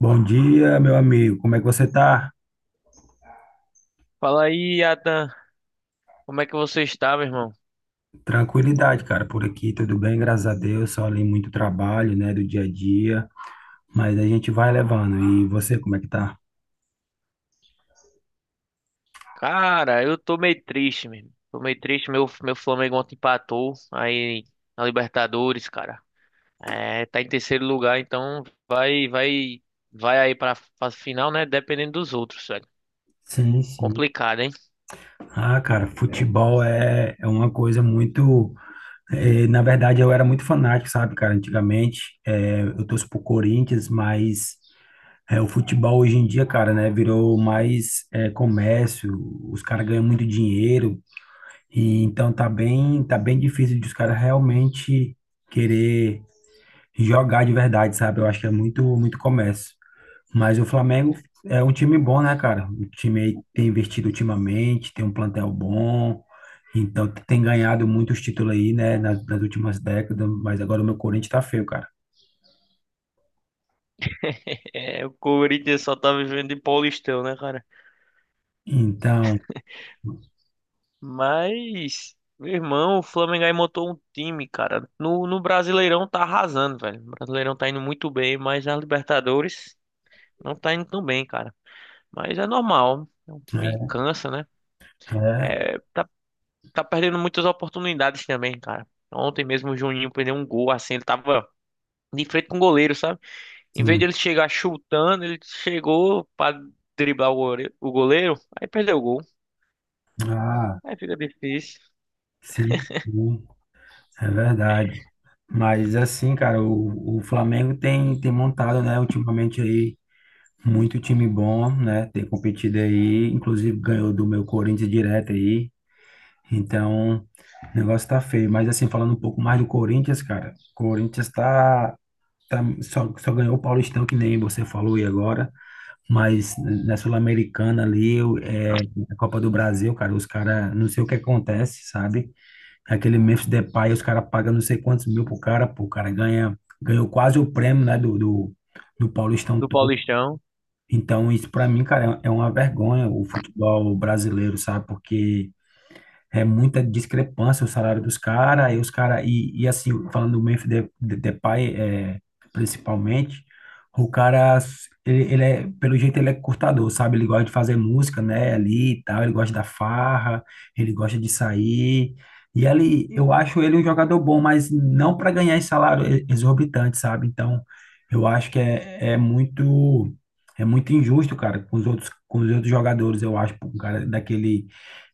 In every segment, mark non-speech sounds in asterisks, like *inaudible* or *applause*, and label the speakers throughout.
Speaker 1: Bom dia, meu amigo. Como é que você tá?
Speaker 2: Fala aí, Atan. Como é que você está, meu irmão?
Speaker 1: Tranquilidade, cara. Por aqui tudo bem, graças a Deus. Só ali muito trabalho, né, do dia a dia, mas a gente vai levando. E você, como é que tá?
Speaker 2: Cara, eu tô meio triste, meu irmão. Tô meio triste. Meu Flamengo ontem empatou aí na Libertadores, cara. É, tá em terceiro lugar, então vai, vai, vai aí pra final, né? Dependendo dos outros, velho.
Speaker 1: Sim, sim.
Speaker 2: Complicado, hein?
Speaker 1: Ah, cara, futebol é uma coisa muito. Na verdade, eu era muito fanático, sabe, cara? Antigamente, eu torço pro Corinthians, mas o futebol hoje em dia, cara, né, virou mais comércio. Os caras ganham muito dinheiro. E então tá bem difícil de os caras realmente querer jogar de verdade, sabe? Eu acho que é muito, muito comércio. Mas o Flamengo é um time bom, né, cara? O time aí tem investido ultimamente, tem um plantel bom, então tem ganhado muitos títulos aí, né, nas últimas décadas, mas agora o meu Corinthians tá feio, cara.
Speaker 2: *laughs* É, o Corinthians só tá vivendo de Paulistão, né, cara?
Speaker 1: Então,
Speaker 2: Mas, meu irmão, o Flamengo aí montou um time, cara. No Brasileirão tá arrasando, velho. O Brasileirão tá indo muito bem, mas na Libertadores não tá indo tão bem, cara. Mas é normal. É um time que
Speaker 1: é,
Speaker 2: cansa, né?
Speaker 1: é,
Speaker 2: É, tá perdendo muitas oportunidades também, cara. Ontem mesmo o Juninho perdeu um gol, assim, ele tava de frente com o goleiro, sabe? Em vez de
Speaker 1: sim.
Speaker 2: ele chegar chutando, ele chegou pra driblar o goleiro, aí perdeu o gol.
Speaker 1: Ah,
Speaker 2: Aí fica difícil.
Speaker 1: sim, sim, é verdade. Mas assim, cara, o Flamengo tem montado, né, ultimamente aí. Muito time bom, né? Tem competido aí, inclusive ganhou do meu Corinthians direto aí. Então, o negócio tá feio. Mas assim, falando um pouco mais do Corinthians, cara, o Corinthians tá só ganhou o Paulistão, que nem você falou aí agora. Mas na Sul-Americana ali, na Copa do Brasil, cara, os caras, não sei o que acontece, sabe? Aquele Memphis Depay, os caras pagam não sei quantos mil pro cara, pô, o cara ganhou quase o prêmio, né, do Paulistão.
Speaker 2: Do Paulistão.
Speaker 1: Então, isso para mim, cara, é uma vergonha o futebol brasileiro, sabe? Porque é muita discrepância o salário dos caras, e os caras, e assim, falando do Memphis Depay, principalmente, o cara, ele é, pelo jeito ele é curtador, sabe? Ele gosta de fazer música, né, ali e tal, ele gosta da farra, ele gosta de sair, e ele, eu acho ele um jogador bom, mas não para ganhar esse salário exorbitante, sabe? Então, eu acho que é muito... É muito injusto, cara, com os outros jogadores, eu acho, um cara daquele,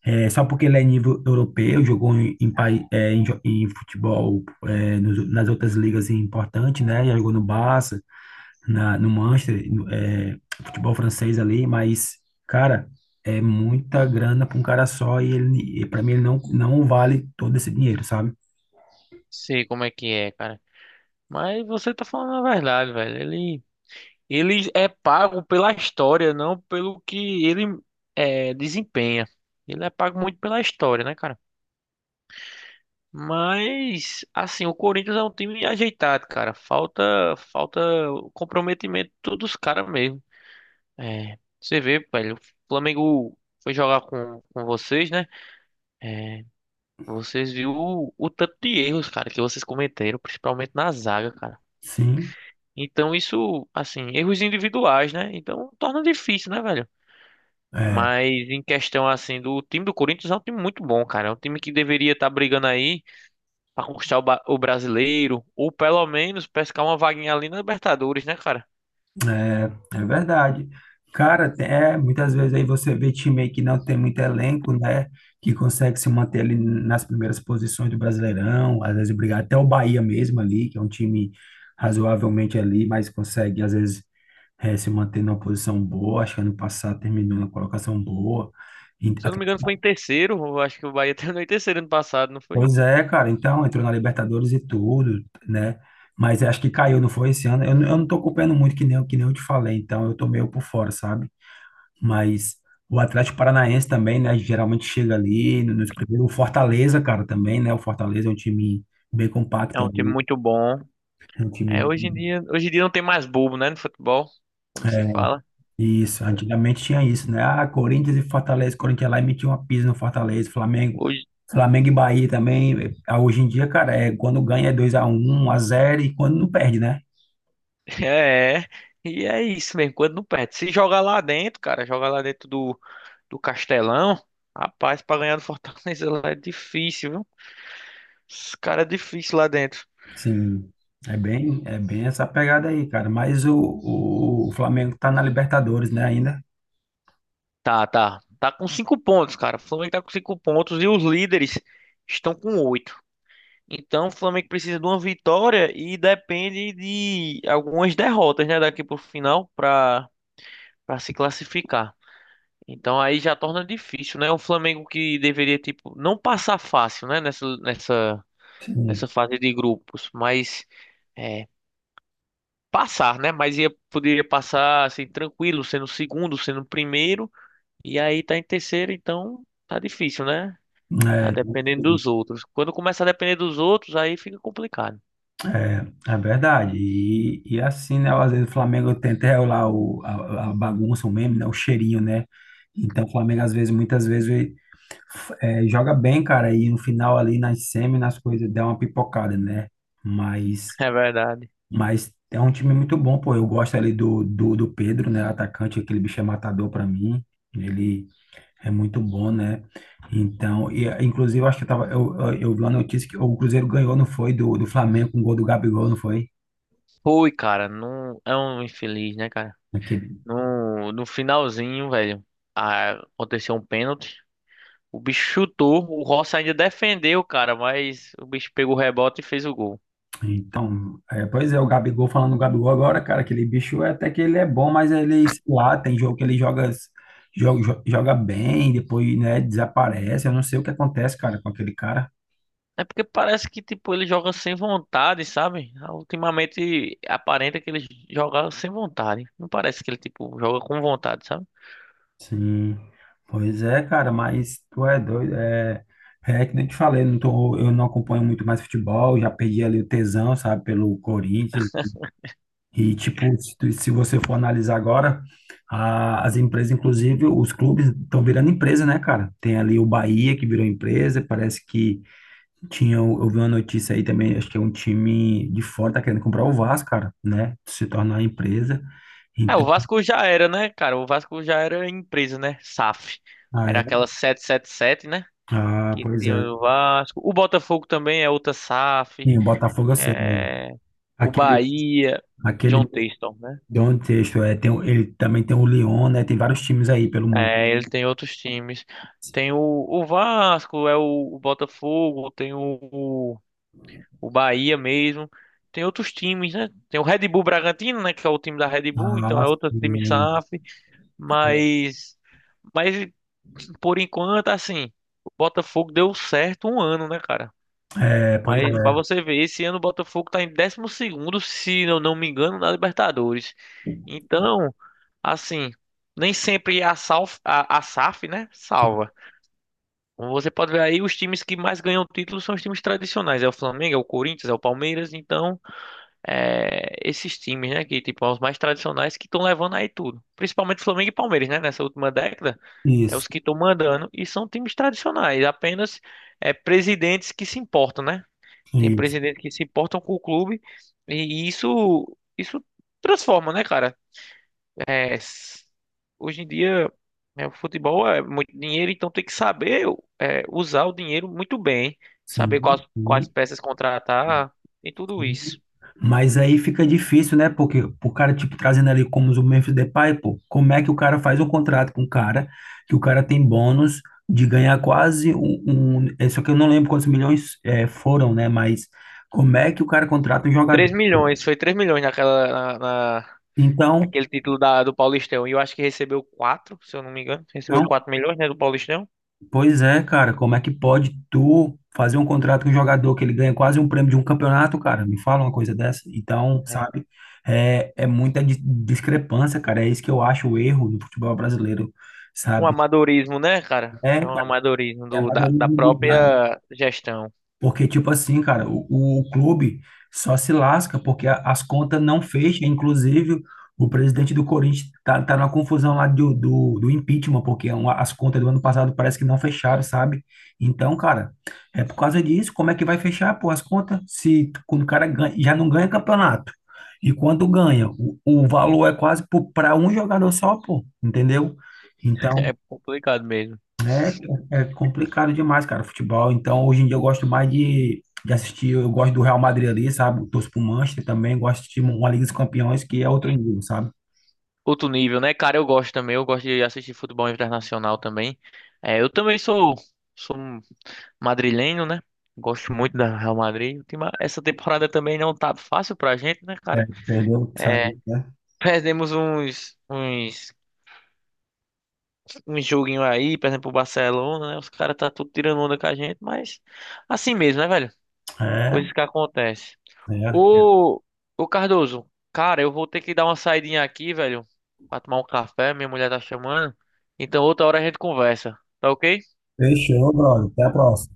Speaker 1: só porque ele é nível europeu, jogou em futebol nas outras ligas importantes, né? Já jogou no Barça, no Manchester, no, é, futebol francês ali, mas, cara, é muita grana para um cara só e ele, para mim, ele não vale todo esse dinheiro, sabe?
Speaker 2: Sei como é que é, cara. Mas você tá falando a verdade, velho. Ele é pago pela história, não pelo que ele desempenha. Ele é pago muito pela história, né, cara? Mas, assim, o Corinthians é um time ajeitado, cara. Falta o comprometimento de todos os caras mesmo. É, você vê, velho, o Flamengo foi jogar com vocês, né? É, vocês viram o tanto de erros, cara, que vocês cometeram, principalmente na zaga, cara.
Speaker 1: Sim.
Speaker 2: Então, isso, assim, erros individuais, né? Então, torna difícil, né, velho?
Speaker 1: É.
Speaker 2: Mas em questão assim do time do Corinthians é um time muito bom, cara. É um time que deveria estar brigando aí pra conquistar o brasileiro ou pelo menos pescar uma vaguinha ali na Libertadores, né, cara?
Speaker 1: É verdade. Cara, muitas vezes aí você vê time aí que não tem muito elenco, né? Que consegue se manter ali nas primeiras posições do Brasileirão, às vezes brigar até o Bahia mesmo ali, que é um time razoavelmente ali, mas consegue às vezes, se manter numa posição boa. Acho que ano passado terminou na colocação boa. E-
Speaker 2: Se eu não me engano foi em terceiro, eu acho que o Bahia *laughs* terminou em terceiro ano passado, não foi?
Speaker 1: Pois é, cara, então entrou na Libertadores e tudo, né? Mas acho que caiu, não foi esse ano. Eu não tô acompanhando muito, que nem eu te falei, então eu tô meio por fora, sabe? Mas o Atlético Paranaense também, né? Geralmente chega ali nos primeiros. O Fortaleza, cara, também, né? O Fortaleza é um time bem
Speaker 2: É
Speaker 1: compacto
Speaker 2: um time
Speaker 1: ali.
Speaker 2: muito bom.
Speaker 1: É um time
Speaker 2: É, hoje em dia, hoje em dia não tem mais bobo, né, no futebol, como se fala.
Speaker 1: Isso, antigamente tinha isso, né? Ah, Corinthians e Fortaleza. Corinthians lá e metia uma pisa no Fortaleza. Flamengo.
Speaker 2: Hoje
Speaker 1: Flamengo e Bahia também. Ah, hoje em dia, cara, é quando ganha é 2x1, 1x0 e quando não perde, né?
Speaker 2: *laughs* É, e é isso mesmo, quando não perde. Se jogar lá dentro, cara, jogar lá dentro do Castelão, rapaz, pra ganhar do Fortaleza *laughs* lá é difícil, viu? Esse cara é difícil lá dentro.
Speaker 1: Sim. É bem essa pegada aí, cara. Mas o Flamengo tá na Libertadores, né, ainda?
Speaker 2: Tá, tá. Tá com 5 pontos, cara. O Flamengo tá com 5 pontos e os líderes estão com 8. Então o Flamengo precisa de uma vitória e depende de algumas derrotas, né, daqui pro final pra se classificar. Então aí já torna difícil, né? O Flamengo que deveria, tipo, não passar fácil, né, nessa, nessa,
Speaker 1: Sim.
Speaker 2: nessa fase de grupos, mas é, passar, né? Mas poderia passar assim, tranquilo, sendo segundo, sendo primeiro. E aí tá em terceiro, então tá difícil, né? Tá
Speaker 1: É,
Speaker 2: dependendo dos outros. Quando começa a depender dos outros, aí fica complicado.
Speaker 1: é verdade. E assim, né? Às vezes o Flamengo tenta regular a bagunça, o meme, né? O cheirinho, né? Então o Flamengo, às vezes, muitas vezes, ele, joga bem, cara, e no final ali nas semi, nas coisas, dá uma pipocada, né?
Speaker 2: *laughs*
Speaker 1: Mas,
Speaker 2: É verdade.
Speaker 1: mas é um time muito bom, pô. Eu gosto ali do Pedro, né? Atacante, aquele bicho é matador pra mim. Ele é muito bom, né? Então, inclusive, eu acho que eu, tava, eu vi uma notícia que o Cruzeiro ganhou, não foi? Do Flamengo com o gol do Gabigol, não foi?
Speaker 2: Ui, cara, não é um infeliz, né, cara?
Speaker 1: Aquele-
Speaker 2: No finalzinho, velho, a- aconteceu um pênalti. O bicho chutou, o Rossi ainda defendeu, cara, mas o bicho pegou o rebote e fez o gol.
Speaker 1: Então, pois é, o Gabigol, falando do Gabigol agora, cara, aquele bicho até que ele é bom, mas ele, sei lá, tem jogo que ele joga bem, depois, né, desaparece, eu não sei o que acontece, cara, com aquele cara.
Speaker 2: É porque parece que, tipo, ele joga sem vontade, sabe? Ultimamente aparenta que ele joga sem vontade. Não parece que ele, tipo, joga com vontade, sabe?
Speaker 1: Sim, pois é, cara, mas tu é doido, é que nem eu te falei, eu não acompanho muito mais futebol, já perdi ali o tesão, sabe, pelo Corinthians. E, tipo, se você for analisar agora, as empresas, inclusive, os clubes estão virando empresa, né, cara? Tem ali o Bahia que virou empresa, parece que tinha, eu vi uma notícia aí também, acho que é um time de fora, tá querendo comprar o Vasco, cara, né? Se tornar empresa.
Speaker 2: É, o
Speaker 1: Então,
Speaker 2: Vasco já era, né, cara? O Vasco já era empresa, né? SAF.
Speaker 1: ah,
Speaker 2: Era
Speaker 1: é.
Speaker 2: aquela 777, né?
Speaker 1: Ah,
Speaker 2: Que
Speaker 1: pois é.
Speaker 2: tinha o Vasco. O Botafogo também é outra SAF.
Speaker 1: Sim, o Botafogo eu sei, né?
Speaker 2: É. O
Speaker 1: Aquele,
Speaker 2: Bahia. John
Speaker 1: aquele
Speaker 2: Texton, né?
Speaker 1: Don Texto, ele também tem o Lyon, né? Tem vários times aí pelo mundo.
Speaker 2: É, ele tem outros times. Tem o Vasco, é o Botafogo, tem o o Bahia mesmo. Tem outros times, né? Tem o Red Bull Bragantino, né? Que é o time da Red Bull, então
Speaker 1: Ah,
Speaker 2: é outro time
Speaker 1: sim.
Speaker 2: SAF.
Speaker 1: Né?
Speaker 2: Mas. Mas. Por enquanto, assim, o Botafogo deu certo um ano, né, cara?
Speaker 1: É, pois é.
Speaker 2: Mas pra você ver, esse ano o Botafogo tá em 12º se eu não me engano, na Libertadores. Então, assim, nem sempre a SAF, né, salva. Como você pode ver aí, os times que mais ganham títulos são os times tradicionais. É o Flamengo, é o Corinthians, é o Palmeiras. Então, esses times, né, que tipo, os mais tradicionais que estão levando aí tudo. Principalmente Flamengo e Palmeiras, né, nessa última década, é
Speaker 1: Isso.
Speaker 2: os que estão mandando e são times tradicionais, apenas é, presidentes que se importam, né? Tem
Speaker 1: Isso.
Speaker 2: presidentes que se importam com o clube e isso transforma, né, cara? É, hoje em dia, né, o futebol é muito dinheiro, então tem que saber usar o dinheiro muito bem, saber quais
Speaker 1: Sim,
Speaker 2: quais
Speaker 1: sim,
Speaker 2: peças contratar, e tudo
Speaker 1: sim.
Speaker 2: isso.
Speaker 1: Mas aí fica difícil, né? Porque o cara, tipo, trazendo ali como o Memphis Depay, pô, como é que o cara faz um contrato com o cara, que o cara tem bônus de ganhar quase só que eu não lembro quantos milhões foram, né? Mas como é que o cara contrata um jogador,
Speaker 2: três
Speaker 1: pô?
Speaker 2: milhões, foi 3 milhões na, na-
Speaker 1: Então,
Speaker 2: naquele título da, do Paulistão. E eu acho que recebeu quatro se eu não me engano. Recebeu
Speaker 1: então,
Speaker 2: 4 milhões, né, do Paulistão.
Speaker 1: pois é, cara, como é que pode tu fazer um contrato com um jogador que ele ganha quase um prêmio de um campeonato, cara? Me fala uma coisa dessa. Então,
Speaker 2: É.
Speaker 1: sabe, é muita discrepância, cara. É isso que eu acho o erro do futebol brasileiro,
Speaker 2: Um
Speaker 1: sabe?
Speaker 2: amadorismo, né, cara?
Speaker 1: É,
Speaker 2: É um
Speaker 1: cara,
Speaker 2: amadorismo
Speaker 1: é
Speaker 2: da
Speaker 1: amadorismo demais.
Speaker 2: própria gestão.
Speaker 1: Porque, tipo assim, cara, o clube só se lasca porque as contas não fecham. Inclusive, o presidente do Corinthians tá numa confusão lá do impeachment, porque é as contas do ano passado parece que não fecharam, sabe? Então, cara, é por causa disso. Como é que vai fechar, pô, as contas? Se quando o cara ganha, já não ganha campeonato. E quando ganha, o valor é quase para um jogador só, pô, entendeu?
Speaker 2: *laughs*
Speaker 1: Então,
Speaker 2: É complicado mesmo.
Speaker 1: né? É complicado demais, cara, futebol. Então, hoje em dia eu gosto mais de assistir, eu gosto do Real Madrid ali, sabe? Torço pro Manchester também, gosto de assistir uma Liga dos Campeões que é outro nível, sabe?
Speaker 2: Outro nível, né, cara? Eu gosto também. Eu gosto de assistir futebol internacional também. É, eu também sou um madrilenho, né? Gosto muito da Real Madrid. O Essa temporada também não tá fácil pra gente, né,
Speaker 1: É,
Speaker 2: cara?
Speaker 1: perdeu,
Speaker 2: É,
Speaker 1: sabe, né?
Speaker 2: *laughs* perdemos uns, uns um joguinho aí, por exemplo, o Barcelona, né? Os caras tá tudo tirando onda com a gente, mas assim mesmo, né, velho?
Speaker 1: É,
Speaker 2: Coisas que acontecem.
Speaker 1: é.
Speaker 2: Ô, ô Cardoso, cara, eu vou ter que dar uma saidinha aqui, velho, pra tomar um café, minha mulher tá chamando. Então outra hora a gente conversa, tá ok?
Speaker 1: Fechou, brother. Até a próxima.